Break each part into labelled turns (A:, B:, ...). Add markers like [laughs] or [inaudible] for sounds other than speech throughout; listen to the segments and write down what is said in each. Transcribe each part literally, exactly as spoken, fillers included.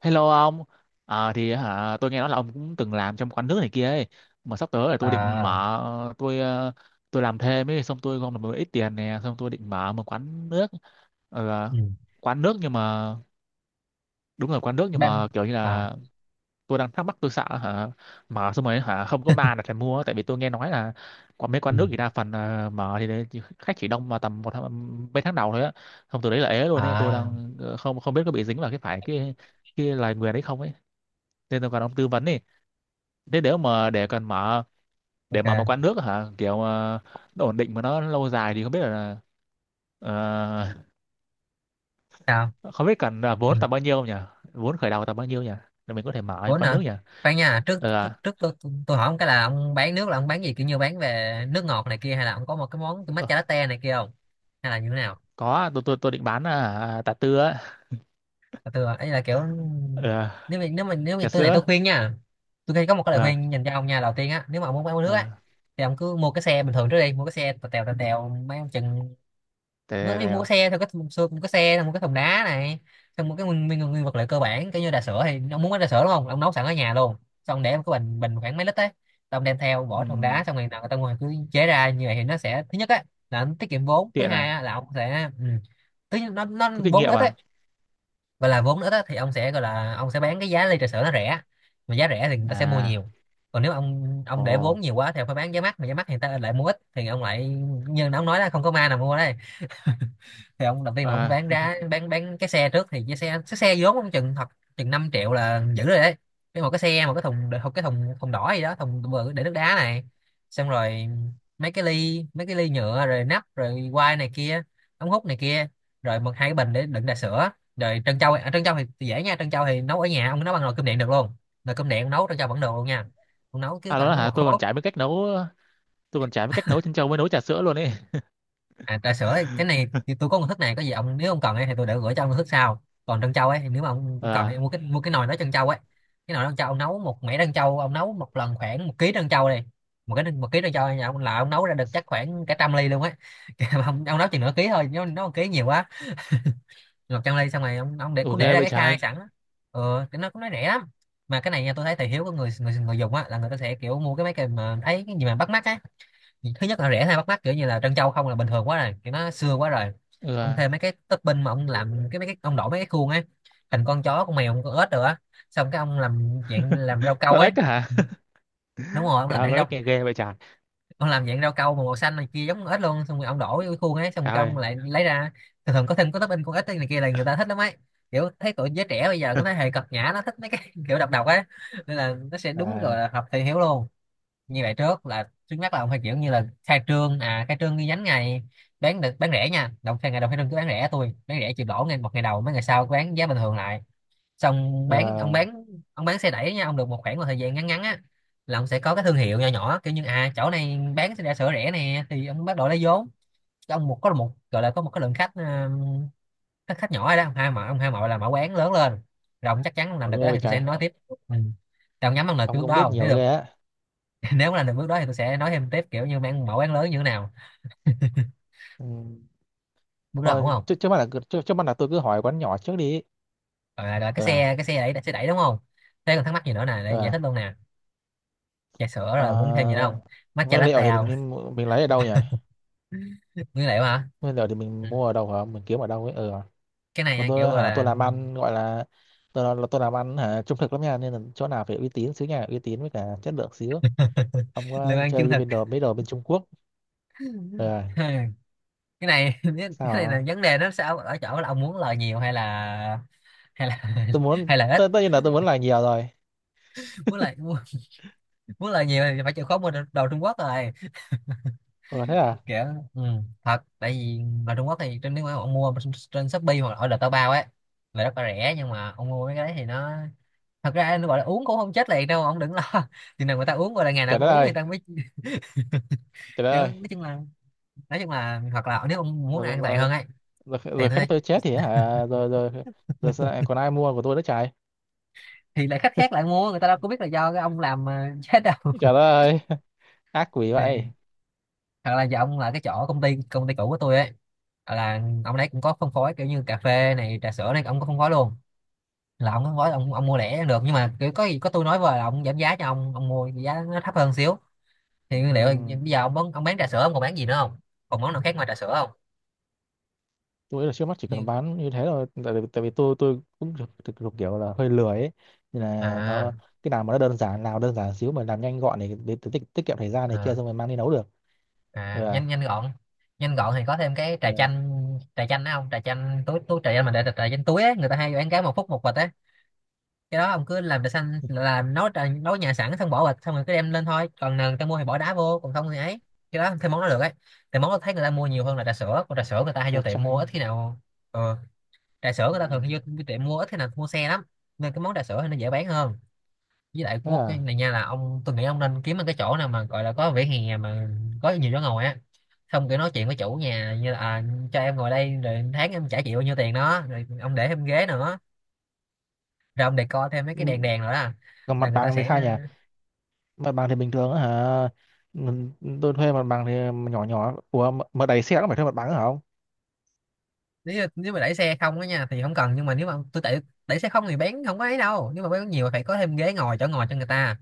A: Hello ông. Ờ, thì hả tôi nghe nói là ông cũng từng làm trong quán nước này kia ấy, mà sắp tới là tôi định
B: À.
A: mở, tôi ờ, tôi làm thêm ấy, xong tôi gom được một ít tiền nè, xong tôi định mở một quán nước. Ờ,
B: Ừ.
A: Quán nước, nhưng mà đúng rồi, quán nước nhưng
B: Ban
A: mà kiểu như
B: à.
A: là tôi đang thắc mắc. Tôi sợ hả mở xong rồi hả không có ma là
B: [laughs]
A: phải mua, tại vì tôi nghe nói là có mấy
B: Ừ.
A: quán nước thì đa phần ờ, mở thì đấy, chỉ- khách chỉ đông vào tầm một tháng, mấy tháng đầu thôi á, xong từ đấy là ế luôn ấy. Tôi
B: À,
A: đang ờ, không không biết có bị dính vào cái phải cái cái lời nguyền đấy không ấy, nên tôi cần ông tư vấn đi. Thế nếu mà để cần mở để mở một
B: ok.
A: quán nước hả kiểu ờ, nó ổn định mà nó lâu dài thì không biết là ờ,
B: Sao?
A: không biết cần là
B: Ừ.
A: vốn tầm bao nhiêu nhỉ? Vốn khởi đầu tầm bao nhiêu nhỉ, để mình có thể mở
B: Vốn
A: quán
B: hả?
A: nước nhỉ?
B: Khoan nha, trước trước
A: ờ,
B: trước tôi, tôi, tôi hỏi ông cái là ông bán nước là ông bán gì, kiểu như bán về nước ngọt này kia, hay là ông có một cái món cái
A: ờ,
B: matcha latte này kia không, hay là như thế nào?
A: có, tôi tôi tôi định bán ờ, à, trà tư á.
B: Và tôi ấy là kiểu,
A: Ờ,
B: nếu mà nếu mà nếu mà
A: trà
B: tôi này tôi
A: sữa.
B: khuyên nha, tôi thấy có một cái lời
A: ờ,
B: khuyên dành cho ông nha, đầu tiên á, nếu mà ông muốn bán nước á
A: ờ,
B: thì ông cứ mua cái xe bình thường trước đi, mua cái xe tèo tèo tèo tèo, mấy ông chừng nó
A: để,
B: mới
A: để,
B: mua xe thôi, có thùng xương, một cái xe thùng, một cái thùng đá này. Xong một cái nguyên, nguyên, nguyên vật liệu cơ bản, kiểu như trà sữa, thì ông muốn cái trà sữa đúng không, ông nấu sẵn ở nhà luôn, xong ông để một cái bình bình khoảng mấy lít ấy, xong đem theo bỏ thùng đá,
A: Ừm,
B: xong rồi nào người ta ngoài cứ chế ra như vậy. Thì nó sẽ, thứ nhất á, là nó tiết kiệm vốn, thứ
A: tiện
B: hai
A: à?
B: á là ông sẽ, ừ, thứ nhất nó nó
A: Có kinh
B: vốn nó
A: nghiệm
B: ít ấy,
A: à?
B: gọi là vốn nó ít á, thì ông sẽ, gọi là ông sẽ bán cái giá ly trà sữa nó rẻ, mà giá rẻ thì người ta sẽ mua
A: À.
B: nhiều. Còn nếu ông ông
A: Ồ.
B: để vốn nhiều quá thì ông phải bán giá mắc, mà giá mắc thì người ta lại mua ít, thì ông lại như ông nói là không có ma nào mua đây. Thì ông đầu tiên là ông phải
A: À,
B: bán ra, bán bán cái xe trước, thì cái xe cái xe vốn ông chừng thật, chừng năm triệu là giữ rồi đấy. Cái một cái xe, một cái thùng một cái thùng thùng đỏ gì đó, thùng bự để nước đá này, xong rồi mấy cái ly, mấy cái ly nhựa rồi nắp rồi quai này kia, ống hút này kia, rồi một hai cái bình để đựng trà sữa, rồi trân châu. À, trân châu thì dễ nha, trân châu thì nấu ở nhà, ông nấu bằng nồi cơm điện được luôn, nồi cơm điện nấu trân châu vẫn được luôn nha. Ông nấu cứ
A: à, đó là
B: khoảng
A: hả
B: một
A: tôi còn
B: hố.
A: chả biết cách nấu. Tôi còn chả biết cách nấu chân trâu, mới nấu trà sữa luôn ấy.
B: À, trà sữa ấy, cái này thì tôi có công thức này, có gì ông nếu ông cần ấy thì tôi để gửi cho ông công thức sau. Còn trân châu ấy thì nếu mà ông cần
A: Ờ
B: thì mua cái, mua cái nồi đó trân châu ấy. Cái nồi trân châu ông nấu một mẻ trân châu, ông nấu một lần khoảng một ký trân châu này. Một cái, một ký trân châu nhà ông là ông nấu ra được chắc khoảng cả trăm ly luôn ấy. [laughs] Kìa, mà ông, ông, nấu chừng nửa ký thôi, nếu nó một ký nhiều quá, một trăm ly. Xong rồi ông ông để cứ
A: ok
B: để ra
A: vậy,
B: cái khai
A: trái,
B: sẵn á. Ừ, cái nó cũng nó rẻ lắm. Mà cái này nha, tôi thấy thị hiếu của người người người dùng á là người ta sẽ kiểu mua cái, mấy cái mà thấy cái gì mà bắt mắt á. Thứ nhất là rẻ hay bắt mắt, kiểu như là trân châu không là bình thường quá rồi, kiểu nó xưa quá rồi,
A: ừ.
B: ông thêm mấy cái topping, mà ông làm cái mấy cái ông đổ mấy cái khuôn ấy, thành con chó con mèo con ếch rồi á, xong cái ông làm dạng, làm rau câu
A: Con
B: ấy.
A: ếch á hả?
B: Đúng rồi, ông
A: Trời
B: làm
A: ơi,
B: dạng
A: con
B: rau,
A: ếch nghe ghê vậy trời.
B: ông làm dạng rau câu mà màu xanh này kia giống con ếch luôn, xong rồi ông đổ vô cái khuôn ấy, xong
A: Trời
B: cái ông
A: ơi.
B: lại lấy ra. Thường thường có thêm có topping con ếch này kia là người ta thích lắm ấy, kiểu thấy tụi giới trẻ bây giờ, cái thế
A: [laughs]
B: hệ cật nhã nó thích mấy cái [laughs] kiểu độc độc ấy, nên là nó sẽ, đúng rồi,
A: À,
B: là hợp thị hiếu luôn. Như vậy trước là trước mắt là ông phải kiểu như là khai trương, à khai trương ghi nhánh ngày, bán được, bán rẻ nha đồng khai, ngày đầu khai trương cứ bán rẻ, tôi bán rẻ chịu lỗ ngay một ngày đầu, mấy ngày sau bán giá bình thường lại, xong bán ông
A: ờ,
B: bán, ông bán xe đẩy nha, ông được một khoảng một thời gian ngắn ngắn á, là ông sẽ có cái thương hiệu nhỏ nhỏ, kiểu như à chỗ này bán xe đạp sửa rẻ nè, thì ông bắt đầu lấy vốn. Cho ông một, có một, gọi là có một cái lượng khách, ờ, khách khách nhỏ rồi đó, ông hai mợ, ông hai mợ là mở quán lớn lên, rồi ông chắc chắn ông làm
A: ủa
B: được đó,
A: ghê vậy
B: thì tôi
A: trời.
B: sẽ nói tiếp. Ừ. Thì nhắm bằng lời cái
A: Ông
B: bước
A: cũng
B: đó
A: biết
B: không? Nếu
A: nhiều
B: được.
A: ghê á.
B: [laughs] Nếu mà làm được bước đó thì tôi sẽ nói thêm tiếp, kiểu như mang mẫu án lớn như thế nào.
A: Ừ.
B: Bước đó ổn
A: Thôi,
B: không?
A: trước trước mắt là cứ- trước, trước mắt là tôi cứ hỏi quán nhỏ trước đi.
B: Rồi, rồi cái
A: Ờ, à.
B: xe cái xe đẩy, xe đẩy đúng không? Thế còn thắc mắc gì nữa nè, để
A: Ờ,
B: giải thích
A: à.
B: luôn nè, trà sữa
A: Ờ,
B: rồi muốn thêm gì nữa không, matcha
A: nguyên liệu
B: latte
A: thì mình
B: không?
A: nên mua- mình lấy ở đâu nhỉ?
B: [laughs] Nguyên liệu hả?
A: Nguyên liệu thì mình
B: Ừ.
A: mua ở đâu hả? Mình kiếm ở đâu ấy? Ờ, ừ, à.
B: Cái này
A: Mà
B: nha, kiểu
A: tôi
B: gọi
A: hả tôi
B: là,
A: làm ăn gọi là, tôi là tôi làm ăn hả trung thực lắm nha, nên là chỗ nào phải uy tín xíu nha, uy tín với cả chất lượng xíu.
B: [laughs]
A: Ông có
B: lương ăn chân
A: chơi
B: thực.
A: bên đồ mấy đồ bên Trung Quốc? Ờ.
B: [laughs] Cái này, [laughs]
A: Sao
B: cái này là
A: hả?
B: vấn đề, nó sao ở chỗ là ông muốn lời nhiều hay là, hay là [laughs]
A: Tôi muốn
B: hay là ít?
A: tất tất nhiên là tôi muốn làm nhiều rồi.
B: Muốn lời muốn, muốn lời nhiều thì phải chịu khó mua đồ Trung Quốc rồi,
A: Ừ, thế à?
B: kiểu, ừ, thật. Tại vì ở Trung Quốc thì trên, nếu mà ông mua trên Shopee hoặc là ở Taobao Bao ấy là rất là rẻ, nhưng mà ông mua mấy cái đấy thì nó, thật ra nó gọi là uống cũng không chết liền đâu ông đừng lo. [laughs] Chừng nào người ta uống, gọi là ngày nào
A: Trời đất
B: cũng uống thì
A: ơi.
B: ta mới,
A: Trời đất
B: kiểu
A: ơi.
B: nói chung là, nói chung là hoặc là nếu ông muốn
A: Rồi, rồi,
B: an toàn hơn ấy
A: rồi, rồi,
B: thì
A: rồi khách
B: thôi-
A: tôi chết thì hả? Rồi, rồi, rồi sao lại còn ai mua của tôi nữa trời?
B: thì lại khách khác lại
A: [laughs]
B: mua, người ta đâu có biết là do cái ông làm mà chết đâu.
A: Trời đất
B: [laughs]
A: ơi. [laughs] Ác quỷ
B: Thì,
A: vậy.
B: hoặc là giờ ông là cái chỗ công ty công ty cũ của tôi ấy, là ông đấy cũng có phân phối, kiểu như cà phê này trà sữa này, ông có phân phối luôn, là ông gói ông ông mua lẻ được, nhưng mà kiểu có gì có tôi nói với là ông giảm giá cho ông ông mua giá nó thấp hơn xíu, thì nguyên liệu.
A: Ừm,
B: Bây giờ ông bán, ông bán trà sữa ông còn bán gì nữa không, còn món nào khác ngoài trà sữa không?
A: tôi nghĩ là trước mắt chỉ cần
B: Như
A: bán như thế thôi, tại, vì- tại vì tôi tôi cũng thực thực thực kiểu là hơi lười ấy, nên là
B: à,
A: nó, cái nào mà nó đơn giản, nào đơn giản xíu mà làm nhanh gọn này, để tiết, tiết kiệm thời gian này kia,
B: à,
A: xong rồi mang đi nấu được. Ừ,
B: à,
A: à,
B: nhanh, nhanh gọn. Nhanh gọn thì có thêm cái
A: ừ.
B: trà chanh, trà chanh đó không, trà chanh túi, túi trà chanh mà, để trà chanh túi á, người ta hay bán cái một phút một bịch á, cái đó ông cứ làm trà xanh là nấu trà nấu nhà sẵn, xong bỏ bịch xong rồi cứ đem lên thôi, còn nào người ta mua thì bỏ đá vô, còn không thì ấy, cái đó thêm món đó được ấy. Thì món đó thấy người ta mua nhiều hơn là trà sữa, còn trà sữa người ta hay
A: Trà
B: vô tiệm mua
A: chanh.
B: ít khi
A: [laughs]
B: nào. Ờ, trà sữa người ta thường
A: Ừm,
B: hay vô, vô tiệm mua ít khi nào, mua xe lắm, nên cái món trà sữa thì nó dễ bán hơn. Với lại
A: thế
B: có một cái
A: à?
B: này nha, là ông tôi nghĩ ông nên kiếm một cái chỗ nào mà gọi là có vỉa hè mà có nhiều chỗ ngồi á, xong kiểu nói chuyện với chủ nhà như là, à, cho em ngồi đây rồi tháng em trả chịu bao nhiêu tiền đó, rồi ông để thêm ghế nữa, rồi ông decor thêm mấy cái đèn
A: Ừm,
B: đèn nữa là
A: còn
B: là
A: mặt
B: người ta
A: bằng thì sao
B: sẽ,
A: nhỉ? Mặt bằng thì bình thường á hả? Ừ, tôi thuê mặt bằng thì nhỏ nhỏ. Ủa mà mà đẩy xe cũng phải thuê mặt bằng á hả không?
B: nếu nếu mà đẩy xe không á nha thì không cần, nhưng mà nếu mà tôi đẩy, đẩy xe không thì bán không có ấy đâu, nhưng mà bán nhiều phải có thêm ghế ngồi chỗ ngồi cho người ta.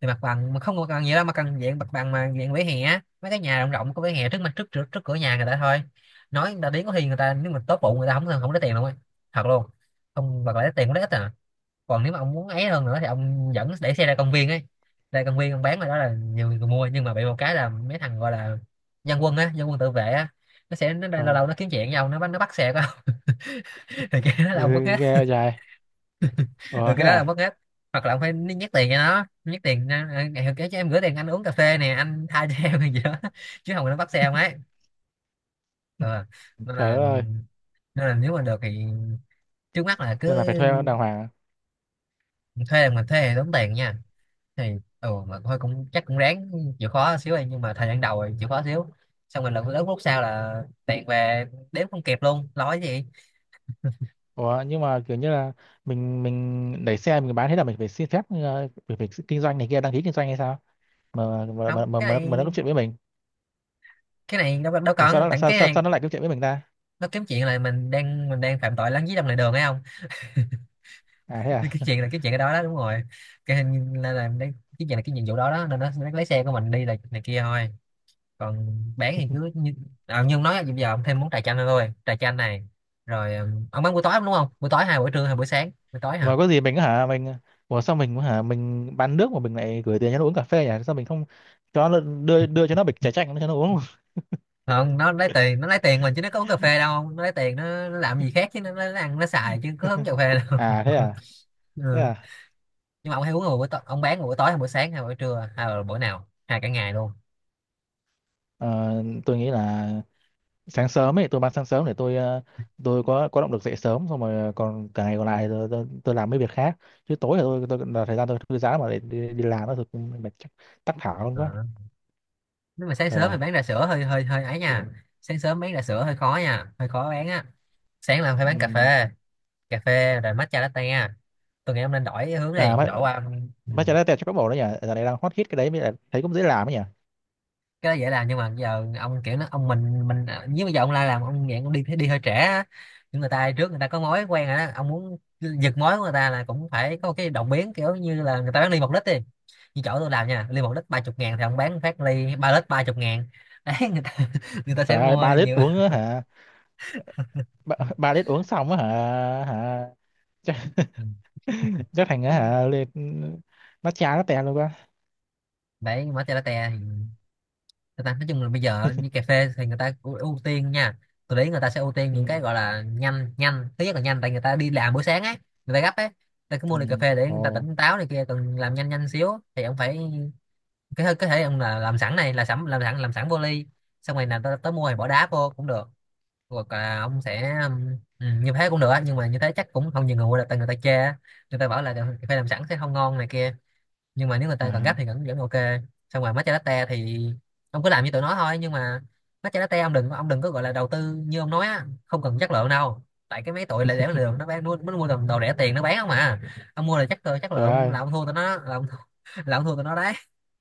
B: Thì mặt bằng mà không có cần nhiều đâu, mà cần dạng mặt bằng mà dạng vỉa hè á, mấy cái nhà rộng rộng có vỉa hè trước mặt, trước trước, trước cửa nhà người ta thôi, nói người ta đến, có khi người ta nếu mà tốt bụng người ta không không lấy tiền luôn ấy, thật luôn, không, hoặc là lấy tiền cũng lấy ít à. Còn nếu mà ông muốn ấy hơn nữa thì ông dẫn để xe ra công viên ấy, ra công viên ông bán ở đó là nhiều người mua, nhưng mà bị một cái là Mấy thằng gọi là dân quân á, dân quân tự vệ á, nó sẽ nó lâu
A: Ờ.
B: lâu nó kiếm chuyện với ông, nó bắt nó bắt xe của ông. [laughs] Thì cái đó
A: Ừ,
B: là ông mất hết.
A: nghe dài.
B: Ừ,
A: Ủa
B: cái
A: thế
B: đó là ông
A: à?
B: mất hết. Hoặc là ông phải nhét tiền cho nó, nhét tiền ra, "Ờ, ngày kia cho em gửi tiền anh uống cà phê nè, anh tha cho [laughs] em hay gì đó." [laughs] Chứ không là nó bắt xe ông ấy. Ờ, nên
A: Trời đất
B: là,
A: ơi.
B: nên là nếu mà được thì trước mắt là cứ
A: Nên là phải thuê đàng hoàng à?
B: thuê. Là mình thuê thì tốn tiền nha, thì ừ mà thôi cũng chắc cũng ráng chịu khó xíu ấy, nhưng mà thời gian đầu thì chịu khó xíu, xong rồi lần lúc lúc sau là tiện về đếm không kịp luôn nói gì.
A: Ủa nhưng mà kiểu như là mình mình đẩy xe mình bán, thế là mình phải xin phép, ờ, mình phải kinh doanh này kia, đăng ký kinh doanh hay sao mà mà mà
B: Không,
A: mà, mà,
B: cái
A: mà nó có
B: này,
A: chuyện với mình?
B: cái này đâu đâu
A: Ủa sao nó
B: cần
A: lại,
B: tặng
A: sao,
B: cái
A: sao,
B: này.
A: sao nó lại có chuyện với mình ta?
B: Nó kiếm chuyện là mình đang mình đang phạm tội lấn dưới lòng lề đường hay không.
A: À thế
B: [laughs] Cái
A: à?
B: chuyện là, cái chuyện cái đó đó đúng rồi. Cái hình là, là cái chuyện là cái nhiệm vụ đó đó, nên nó, nó lấy xe của mình đi là này kia thôi. Còn bán thì cứ như, à, nhưng nói là bây giờ ông thêm món trà chanh nữa thôi, trà chanh này. Rồi ừ, ông bán buổi tối đúng không, buổi tối hai, buổi trưa hai, buổi sáng buổi tối hả?
A: Mà có gì mình hả mình? Ủa sao mình hả mình bán nước mà mình lại gửi tiền cho nó uống cà phê nhỉ? Sao mình không cho nó đưa đưa cho nó bịch trà chanh cho nó uống?
B: Không, nó lấy tiền, nó lấy tiền mình chứ nó có uống cà phê đâu. Nó lấy tiền nó, nó làm gì khác chứ nó, nó, ăn nó xài chứ có uống cà
A: [laughs]
B: phê đâu.
A: À thế à?
B: [laughs] Ừ.
A: Thế à?
B: Nhưng mà ông hay uống vào buổi tối, ông bán vào buổi tối hay buổi sáng hay buổi trưa hay là buổi nào hay cả ngày luôn?
A: Ờ, tôi nghĩ là sáng sớm ấy, tôi bán sáng sớm để tôi ờ, tôi có có động lực dậy sớm, xong rồi ờ, còn cả ngày còn lại tôi, tôi, tôi làm mấy việc khác, chứ tối là tôi tôi là thời gian tôi thư giãn mà, để đi, đi làm nó thực cũng mệt, chắc tắc thở luôn
B: Ờ.
A: quá.
B: Nếu mà sáng sớm thì
A: Ờ,
B: bán trà sữa hơi hơi hơi ấy nha. Sáng sớm bán trà sữa hơi khó nha, hơi khó bán á. Sáng là phải bán cà
A: ừm.
B: phê, cà phê rồi matcha latte. Tôi nghĩ ông nên đổi hướng đi,
A: À, mấy
B: đổi qua. Ừ.
A: mấy trái tẹt cho các bộ đấy nhỉ, giờ này đang hot hit cái đấy, mới lại thấy cũng dễ làm ấy nhỉ.
B: Cái đó dễ làm nhưng mà giờ ông kiểu nó, ông mình mình ờ, nếu bây giờ ông la làm ông nghiện, ông đi đi hơi trễ á. Những người ta trước người ta có mối quen rồi đó, ông muốn giật mối của người ta là cũng phải có cái động biến, kiểu như là người ta bán ly một lít đi. Như chỗ tôi làm nha, ly một lít ba chục ngàn thì ông bán phát ly ba lít ba chục ngàn, [laughs] đấy người ta [laughs] người ta sẽ
A: Trời ơi,
B: mua
A: ba lít
B: nhiều.
A: uống á hả? Ba, [laughs] ba lít uống xong á hả? Hả? Chắc, [laughs] chắc thành á
B: Ừ.
A: hả lên, nó chán nó tẹt luôn quá.
B: Đấy, mở chai latte. Người ta nói chung là bây giờ như cà phê thì người ta ưu ưu tiên nha. Tôi thấy người ta sẽ ưu tiên
A: Ừ.
B: những cái gọi là nhanh, nhanh thứ nhất là nhanh, tại người ta đi làm buổi sáng ấy, người ta gấp ấy, người ta cứ mua
A: Ừ.
B: ly cà phê để người ta
A: Ồ.
B: tỉnh táo này kia, cần làm nhanh nhanh xíu thì ông phải, cái hơi- có thể ông là làm sẵn, này là sẵn, làm sẵn làm sẵn vô ly, xong rồi là tới, tới mua thì bỏ đá vô cũng được. Hoặc là ông sẽ ừm, ừ, như thế cũng được á, nhưng mà như thế chắc cũng không nhiều người mua được tại người ta chê á. Người ta bảo là cà phê làm sẵn sẽ không ngon này kia, nhưng mà nếu người
A: À,
B: ta cần gấp thì vẫn vẫn ok. Xong rồi matcha latte thì ông cứ làm như tụi nó thôi, nhưng mà matcha latte ông đừng ông đừng có gọi là đầu tư như ông nói á, không cần chất lượng đâu, tại cái mấy tụi lại để lượng nó bán, nó, nó mua đồ, đồ rẻ tiền nó bán không à. Ông mua là chất lượng, chất
A: trời
B: lượng
A: ơi,
B: là ông thua tụi nó, là ông thua, [laughs] là ông thua tụi nó đấy.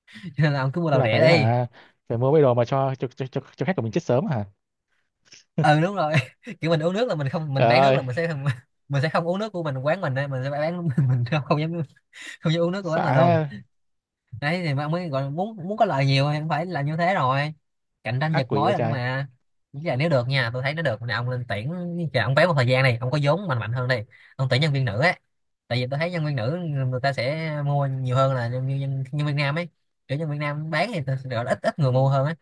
B: [laughs] Cho nên là ông cứ mua
A: thế
B: đồ
A: là
B: rẻ
A: phải
B: đi.
A: hả, phải mua mấy đồ mà cho cho cho, cho, cho khách của mình chết sớm hả?
B: Ừ, đúng rồi. [laughs] Kiểu mình uống nước là mình không, mình
A: Trời
B: bán nước là
A: ơi.
B: mình sẽ [laughs] mình sẽ không uống nước của mình, quán mình đây mình sẽ bán, [laughs] mình không không dám, không dám uống nước của quán mình luôn.
A: Xã.
B: Đấy, thì mà mới gọi, muốn muốn có lợi nhiều thì cũng phải là như thế rồi. Cạnh tranh
A: Ác
B: giật
A: quỷ
B: mối
A: vậy
B: là nó
A: trời.
B: mà. Với là nếu được nha, tôi thấy nó được nè, ông lên tuyển, chờ ông béo một thời gian này, ông có vốn mạnh mạnh hơn đi, ông tuyển nhân viên nữ ấy, tại vì tôi thấy nhân viên nữ người ta sẽ mua nhiều hơn là nhân viên nhân, nhân viên nam ấy. Kiểu nhân viên nam bán thì tôi gọi là ít ít người mua
A: Ừ.
B: hơn á.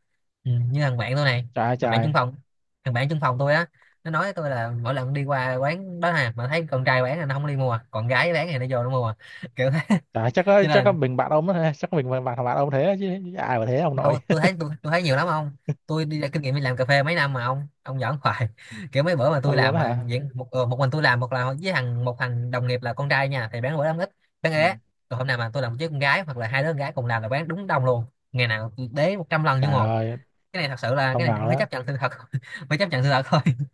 B: Ừ, như thằng bạn tôi này,
A: Trời ơi,
B: thằng bạn chung
A: trời.
B: phòng thằng bạn chung phòng tôi á, nó nói với tôi là mỗi lần đi qua quán đó nè mà thấy con trai bán là nó không đi mua, còn gái bán thì nó vô nó mua [laughs] kiểu thế.
A: Trời ơi, chắc có
B: Cho
A: chắc
B: nên
A: có
B: là
A: mình bạn ông đó ha, chắc có mình bạn bạn bạn ông thế chứ ai mà thế ông
B: đâu,
A: nội.
B: tôi thấy
A: [laughs]
B: tôi, tôi thấy nhiều lắm ông. Tôi đi ra kinh nghiệm đi làm cà phê mấy năm mà ông ông giỡn hoài. [laughs] Kiểu mấy bữa mà
A: Thật
B: tôi
A: luôn
B: làm
A: đó
B: mà
A: hả?
B: diễn một, ờ, một mình tôi làm, một là với thằng một thằng đồng nghiệp là con trai nha thì bán bữa lắm ít, bán
A: Ừ.
B: ế. Rồi hôm nào mà tôi làm với con gái hoặc là hai đứa con gái cùng làm là bán đúng đông luôn. Ngày nào tôi đế một trăm lần như
A: Trời
B: một.
A: ơi,
B: Cái này thật sự là
A: không
B: cái
A: ngờ
B: này không thể
A: đó.
B: chấp nhận sự thật. [laughs] Phải chấp nhận sự thật thôi. [laughs]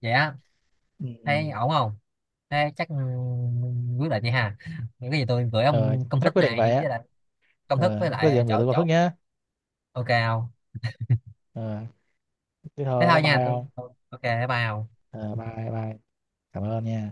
B: Vậy á,
A: Ừ. Ừ.
B: thấy ổn không? Thế chắc ừ, quyết định vậy ha. Những cái gì tôi gửi
A: Ờ,
B: ông công
A: chắc
B: thức
A: quyết định vậy
B: này với
A: á.
B: lại, công thức
A: Ờ,
B: với
A: có gì
B: lại
A: em gửi
B: chỗ
A: tôi con Phước
B: chỗ
A: nhé.
B: ok không?
A: Ờ, thế
B: Thế
A: thôi, bye
B: thôi nha,
A: bye
B: tôi
A: ông.
B: tôi ok. Bye bye Hồng.
A: Ờ, bye bye. Cảm ơn nha.